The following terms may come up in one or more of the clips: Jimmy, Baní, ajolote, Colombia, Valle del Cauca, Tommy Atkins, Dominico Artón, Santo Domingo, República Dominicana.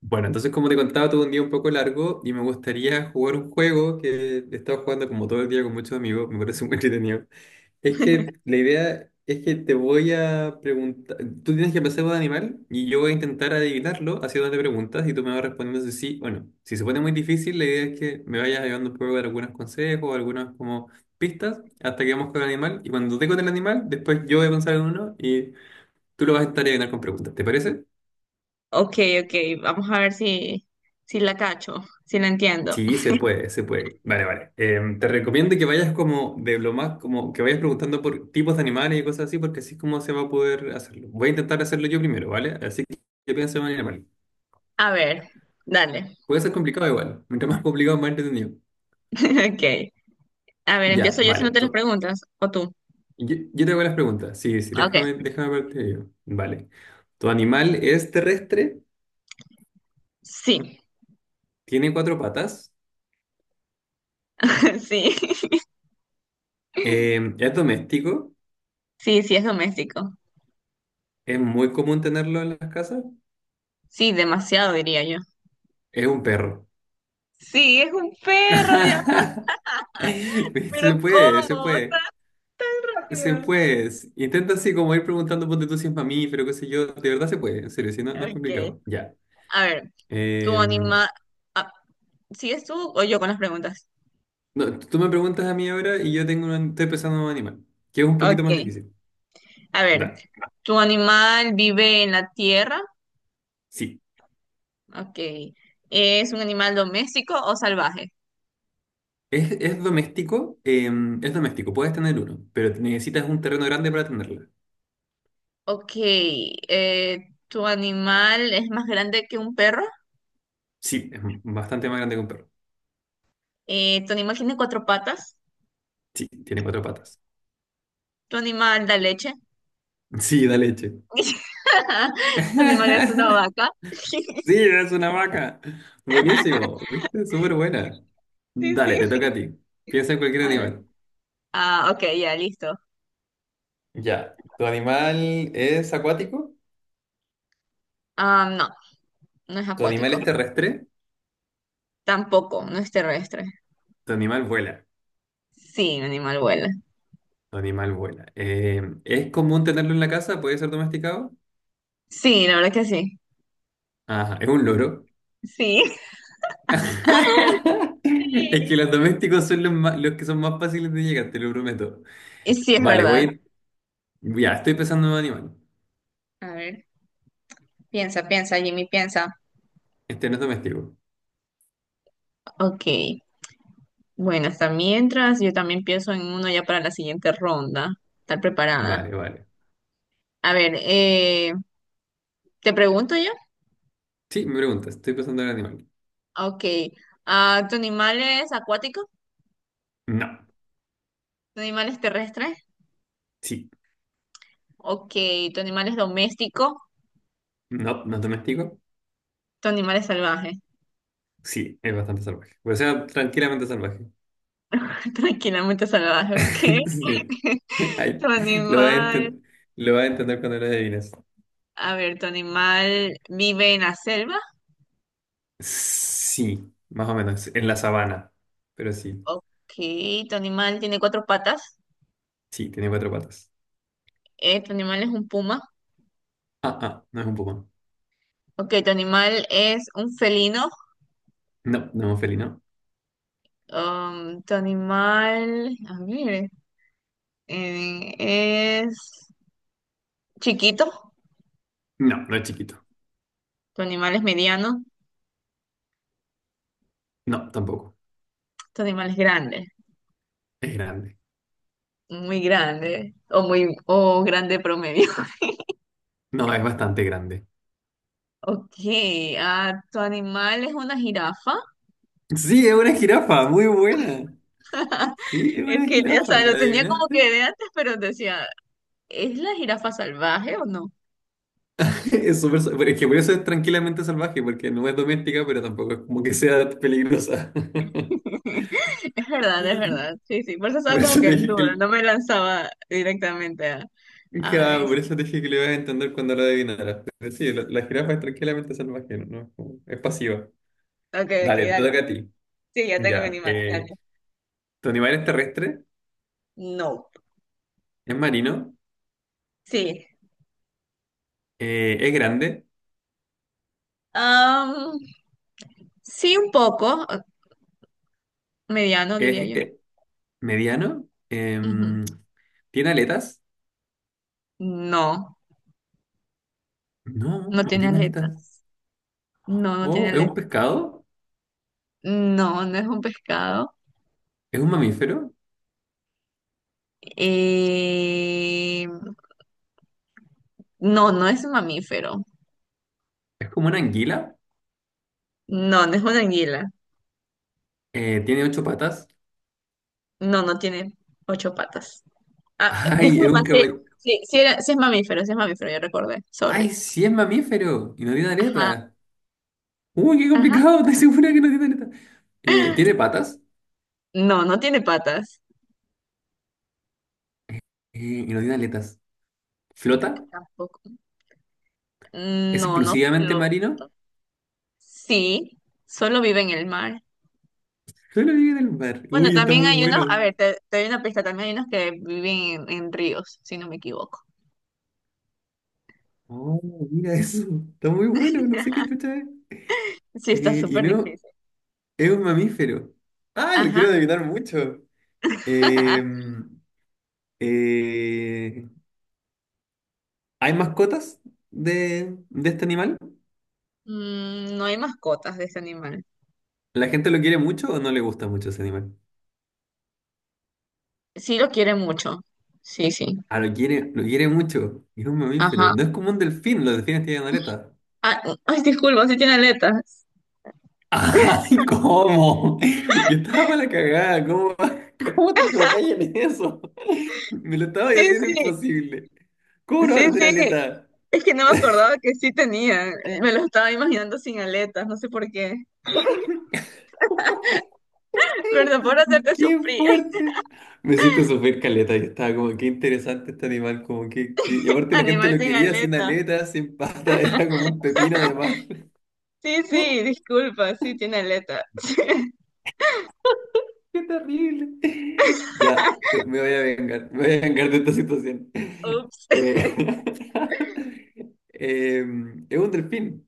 Bueno, entonces como te contaba, tuve un día un poco largo y me gustaría jugar un juego que he estado jugando como todo el día con muchos amigos, me parece muy entretenido. Es que la idea es que te voy a preguntar, tú tienes que pensar un animal y yo voy a intentar adivinarlo haciéndote preguntas y tú me vas respondiendo si sí o no. Si se pone muy difícil, la idea es que me vayas ayudando un poco de algunos consejos, algunas como pistas, hasta que vamos con el animal y cuando te con el animal, después yo voy a pensar en uno y tú lo vas a intentar adivinar con preguntas, ¿te parece? Ok, ok, vamos a ver si, si la cacho, si la entiendo. Sí, se puede, se puede. Vale, vale. Te recomiendo que vayas como de lo más, como que vayas preguntando por tipos de animales y cosas así, porque así es como se va a poder hacerlo. Voy a intentar hacerlo yo primero, ¿vale? Así que yo pienso en un animal. A ver, dale. Puede ser complicado igual. Mientras más complicado, más entretenido. Ok. A ver, Ya, empiezo yo si no vale. te las preguntas, o tú. Yo te hago las preguntas. Sí, sí, Ok. déjame verte yo. Vale. ¿Tu animal es terrestre? Sí, ¿Tiene cuatro patas? sí, ¿Es doméstico? sí, es doméstico. ¿Es muy común tenerlo en las casas? Sí, demasiado diría yo. ¿Es un perro? Sí, es un perro, Dios, pero Se puede, se ¿cómo? puede, Tan se rápido. puede. Intenta así como ir preguntando, ponte tú si es mamífero, qué sé yo. De verdad se puede, en serio, si no, no es Ok. complicado. Ya. A ver, tu Eh, animal. ¿Sigues tú o yo con las preguntas? no, tú me preguntas a mí ahora y yo tengo un, estoy pensando en un animal, que es un poquito más Ok. difícil. A ver, Dale. ¿tu animal vive en la tierra? Sí. Ok. ¿Es un animal doméstico o salvaje? Es doméstico, es doméstico, puedes tener uno, pero necesitas un terreno grande para tenerla. Ok. ¿Tu animal es más grande que un perro? Sí, es bastante más grande que un perro. ¿Tu animal tiene cuatro patas? Sí, tiene cuatro patas. ¿Tu animal da leche? Sí, da leche. ¿Tu animal es una vaca? Sí, es una vaca. Buenísimo, ¿viste? Súper buena. Sí, Dale, te sí. toca a ti. Piensa en cualquier A ver. animal. Ah, ok, ya, listo. Ya. ¿Tu animal es acuático? Ah, no, no es ¿Tu animal acuático. es terrestre? Tampoco, no es terrestre. ¿Tu animal vuela? Sí, un animal vuela. Tu animal vuela. ¿Es común tenerlo en la casa? ¿Puede ser domesticado? Sí, la verdad que sí. Ajá, es un loro. Sí. Es que los domésticos son los que son más fáciles de llegar, te lo prometo. Y sí, es Vale, verdad. voy. Ya, estoy pensando en un animal. A ver, piensa, piensa, Jimmy, piensa. Este no es doméstico. Ok. Bueno, hasta mientras yo también pienso en uno ya para la siguiente ronda. Estar preparada. Vale, vale. A ver, ¿te pregunto yo? Sí, me preguntas, estoy pensando en un animal. Ok. Ah, ¿tu animal es acuático? No. ¿Tu animal es terrestre? Sí, Ok. ¿Tu animal es doméstico? no, no doméstico. ¿Tu animal es salvaje? Sí, es bastante salvaje. O sea, tranquilamente salvaje. Tranquilamente salvaje, ok. Sí. ¿Tu Ay, lo vas a animal... enten- lo vas a entender cuando lo adivines. A ver, ¿tu animal vive en la selva? Sí, más o menos, en la sabana. Pero sí, Ok. ¿Tu animal tiene cuatro patas? sí, tiene cuatro patas. ¿Tu animal es un puma? No es un puma. Ok. ¿Tu animal es un felino? No, no es un felino. Tu animal, a ver, es chiquito, No, no es chiquito. tu animal es mediano, No, tampoco. tu animal es grande, Es grande. muy grande, o muy, o grande promedio. No, es bastante grande. Ok, ah, tu animal es una jirafa. Sí, es una jirafa, muy buena. Sí, es Es una que, o jirafa, sea, lo ¿la tenía como adivinaste? que de antes, pero decía, ¿es la jirafa salvaje o no? Es súper, pero es que por eso es tranquilamente salvaje, porque no es doméstica, pero tampoco es como que sea peligrosa. Es verdad, es verdad. Sí, sí, por eso Por estaba como eso que te en dije duda, que, no me lanzaba directamente a ja, eso. por eso te dije que lo ibas a entender cuando lo adivinaras. Pero sí, la jirafa es tranquilamente salvaje, no, no es pasiva. Ok, ok, Dale, te dale. toca a ti. Sí, ya tengo mi Ya. animal, dale. ¿Tu animal es terrestre? No. ¿Es marino? Sí. ¿Es grande? Am, sí, un poco. Eh, mediano, diría ¿Es yo. eh, mediano? Ujú. ¿Tiene aletas? No, No, no no tiene tiene aletas. aletas. No, no tiene Oh, ¿es aletas. un pescado? No, no es un pescado. ¿Es un mamífero? Eh, no, no es un mamífero. ¿Es como una anguila? No, no es una anguila. ¿Tiene ocho patas? No, no tiene ocho patas. Ah, Ay, es disculpa, un sí, caballo. sí era- sí es mamífero, ya recordé. Ay, Sorry. sí es mamífero y no tiene Ajá, aleta. Uy, qué ajá. complicado, estoy segura que no tiene aleta. ¿Tiene patas? No, no tiene patas. Eh, y no tiene aletas. ¿Flota? Tampoco. ¿Es No, no. exclusivamente marino? Sí, solo vive en el mar. Solo vive en el mar. Bueno, Uy, está también muy hay unos, a bueno. ver, te doy una pista, también hay unos que viven en ríos, si no me equivoco. Oh, mira eso. Está muy bueno, no sé qué chucha es. Sí, está Y súper no, difícil. es un mamífero. Ah, lo Ajá. quiero adivinar mucho. Em, eh, ¿Hay mascotas de este animal? Mm, no hay mascotas de este animal. ¿La gente lo quiere mucho o no le gusta mucho ese animal? Sí lo quiere mucho. Sí, sí. Ah, lo quiere mucho. Es un mamífero. Ajá. No es como un delfín, los delfines tienen aleta. Ah, ay, disculpa, sí tiene aletas. ¡Ay, cómo! Yo estaba para la cagada, ¿cómo, cómo te equivocas en eso? Me lo estaba Sí, haciendo sí, imposible. ¿Cómo no va a sí, tener sí. aleta? Es que no me acordaba que sí tenía. Me lo estaba imaginando sin aletas, no sé por qué. Perdón por hacerte ¡Qué sufrir. fuerte! Me hiciste sufrir caleta. Yo estaba como, qué interesante este animal, Y aparte la gente Animal lo sin quería sin aleta. aleta, sin pata, era como un pepino de mar. Sí, sí, disculpa, sí tiene aleta. Qué terrible. Ya, me voy a vengar, me voy a vengar de esta situación. Ups. Eh, es un delfín.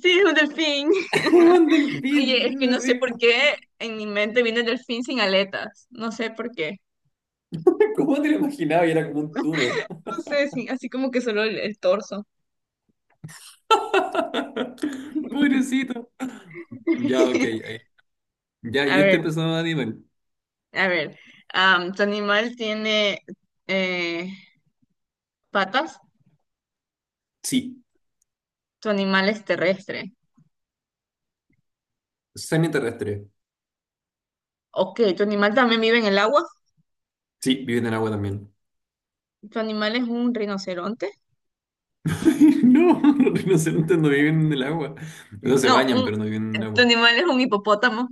Sí, es un delfín. Es un delfín, Oye, es es que no sé por terrible. qué en mi mente viene el delfín sin aletas. No sé por qué. ¿Cómo te lo imaginaba? Y era como un tubo. No sé, sí, así como que solo el torso. Pobrecito. Ya, ok, ahí. Ya, A yo estoy ver, pensando en animal. a ver. Am, ¿tu animal tiene eh, patas? Sí, ¿Tu animal es terrestre? semiterrestre. Ok, ¿tu animal también vive en el agua? Sí, viven en el agua también. ¿Tu animal es un rinoceronte? No, los rinocerontes no viven en el agua. No se No, bañan, un- pero no viven en el tu agua. animal es un hipopótamo.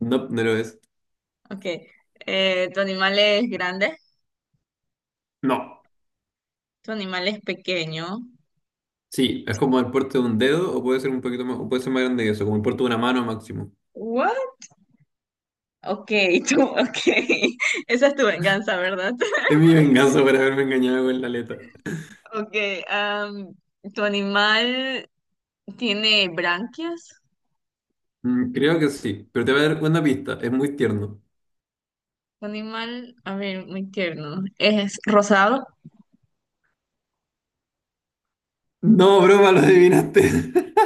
No, no lo es. Ok. ¿Tu animal es grande? No. Tu animal es pequeño. Sí, es como el puerto de un dedo o puede ser un poquito más, o puede ser más grande que eso, como el puerto de una mano máximo. What? Ok, tú, ok. Esa es tu venganza, ¿verdad? Es mi venganza por haberme engañado con la aleta. Ok, am, tu animal tiene branquias. Mm, creo que sí, pero te voy a dar una pista, es muy tierno. Tu animal, a ver, muy tierno. Es rosado. No, broma, lo adivinaste.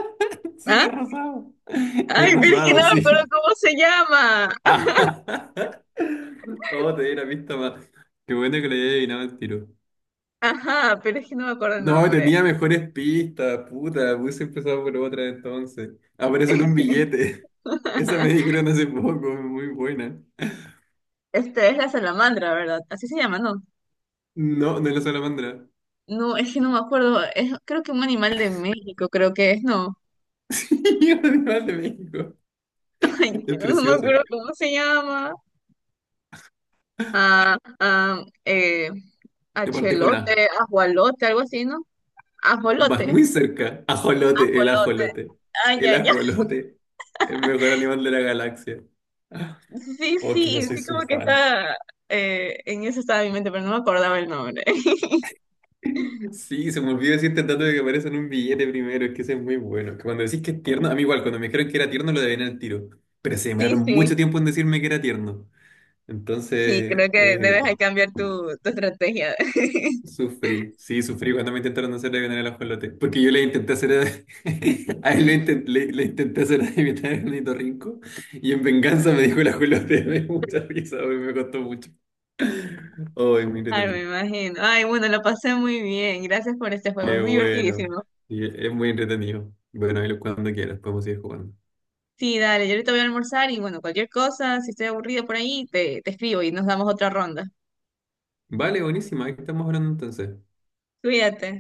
Sí, es ¿Ah? rosado. Es Ay, pero es que rosado, no me acuerdo sí. cómo se llama. Ah. Oh, te di la pista más. Qué bueno que le haya adivinado el tiro. Ajá, pero es que no me acuerdo el No, nombre. tenía mejores pistas, puta. Hubiese empezado por otra entonces. Aparece en un billete. Esa me dijeron hace poco, muy buena. Este es la salamandra, ¿verdad? Así se llama, ¿no? No, no es la salamandra. No, es que no me acuerdo. Es, creo que un animal de México, creo que es, no. Es un animal de México. Es Ay, no me precioso. acuerdo cómo se llama. A, a Y aparte con A. achelote, ajualote, algo así, ¿no? Vas Ajolote, muy cerca. Ajolote, el ajolote, ajolote. ay, El ay, ay. ajolote. El mejor animal de la galaxia. Ah, Sí, Oh, que yo sí, soy sí, su como que fan. está, en eso estaba mi mente, pero no me acordaba el nombre. Sí, se me olvidó decirte el dato de que aparece en un billete primero. Es que ese es muy bueno. Que cuando decís que es tierno, a mí igual, cuando me dijeron que era tierno lo adiviné al tiro. Pero se Sí, demoraron sí, mucho tiempo en decirme que era tierno. sí, Entonces, creo que debes ahí cambiar tu, tu estrategia. sufrí, sí, sufrí cuando me intentaron hacer adivinar el ajolote. Porque yo le intenté hacer a, a él le, inten- le- le intenté hacer adivinar el ornitorrinco y en venganza me dijo el ajolote. Me dio mucha risa, güey, me costó mucho. Oh, muy Ay, me entretenido. imagino. Ay, bueno, lo pasé muy bien. Gracias por este juego, Qué es bueno. divertidísimo. Sí, es muy entretenido. Bueno, cuando quieras, podemos ir jugando. Sí, dale, yo ahorita voy a almorzar y bueno, cualquier cosa, si estoy aburrido por ahí, te escribo y nos damos otra ronda. Vale, buenísima, ahí estamos hablando entonces. Cuídate.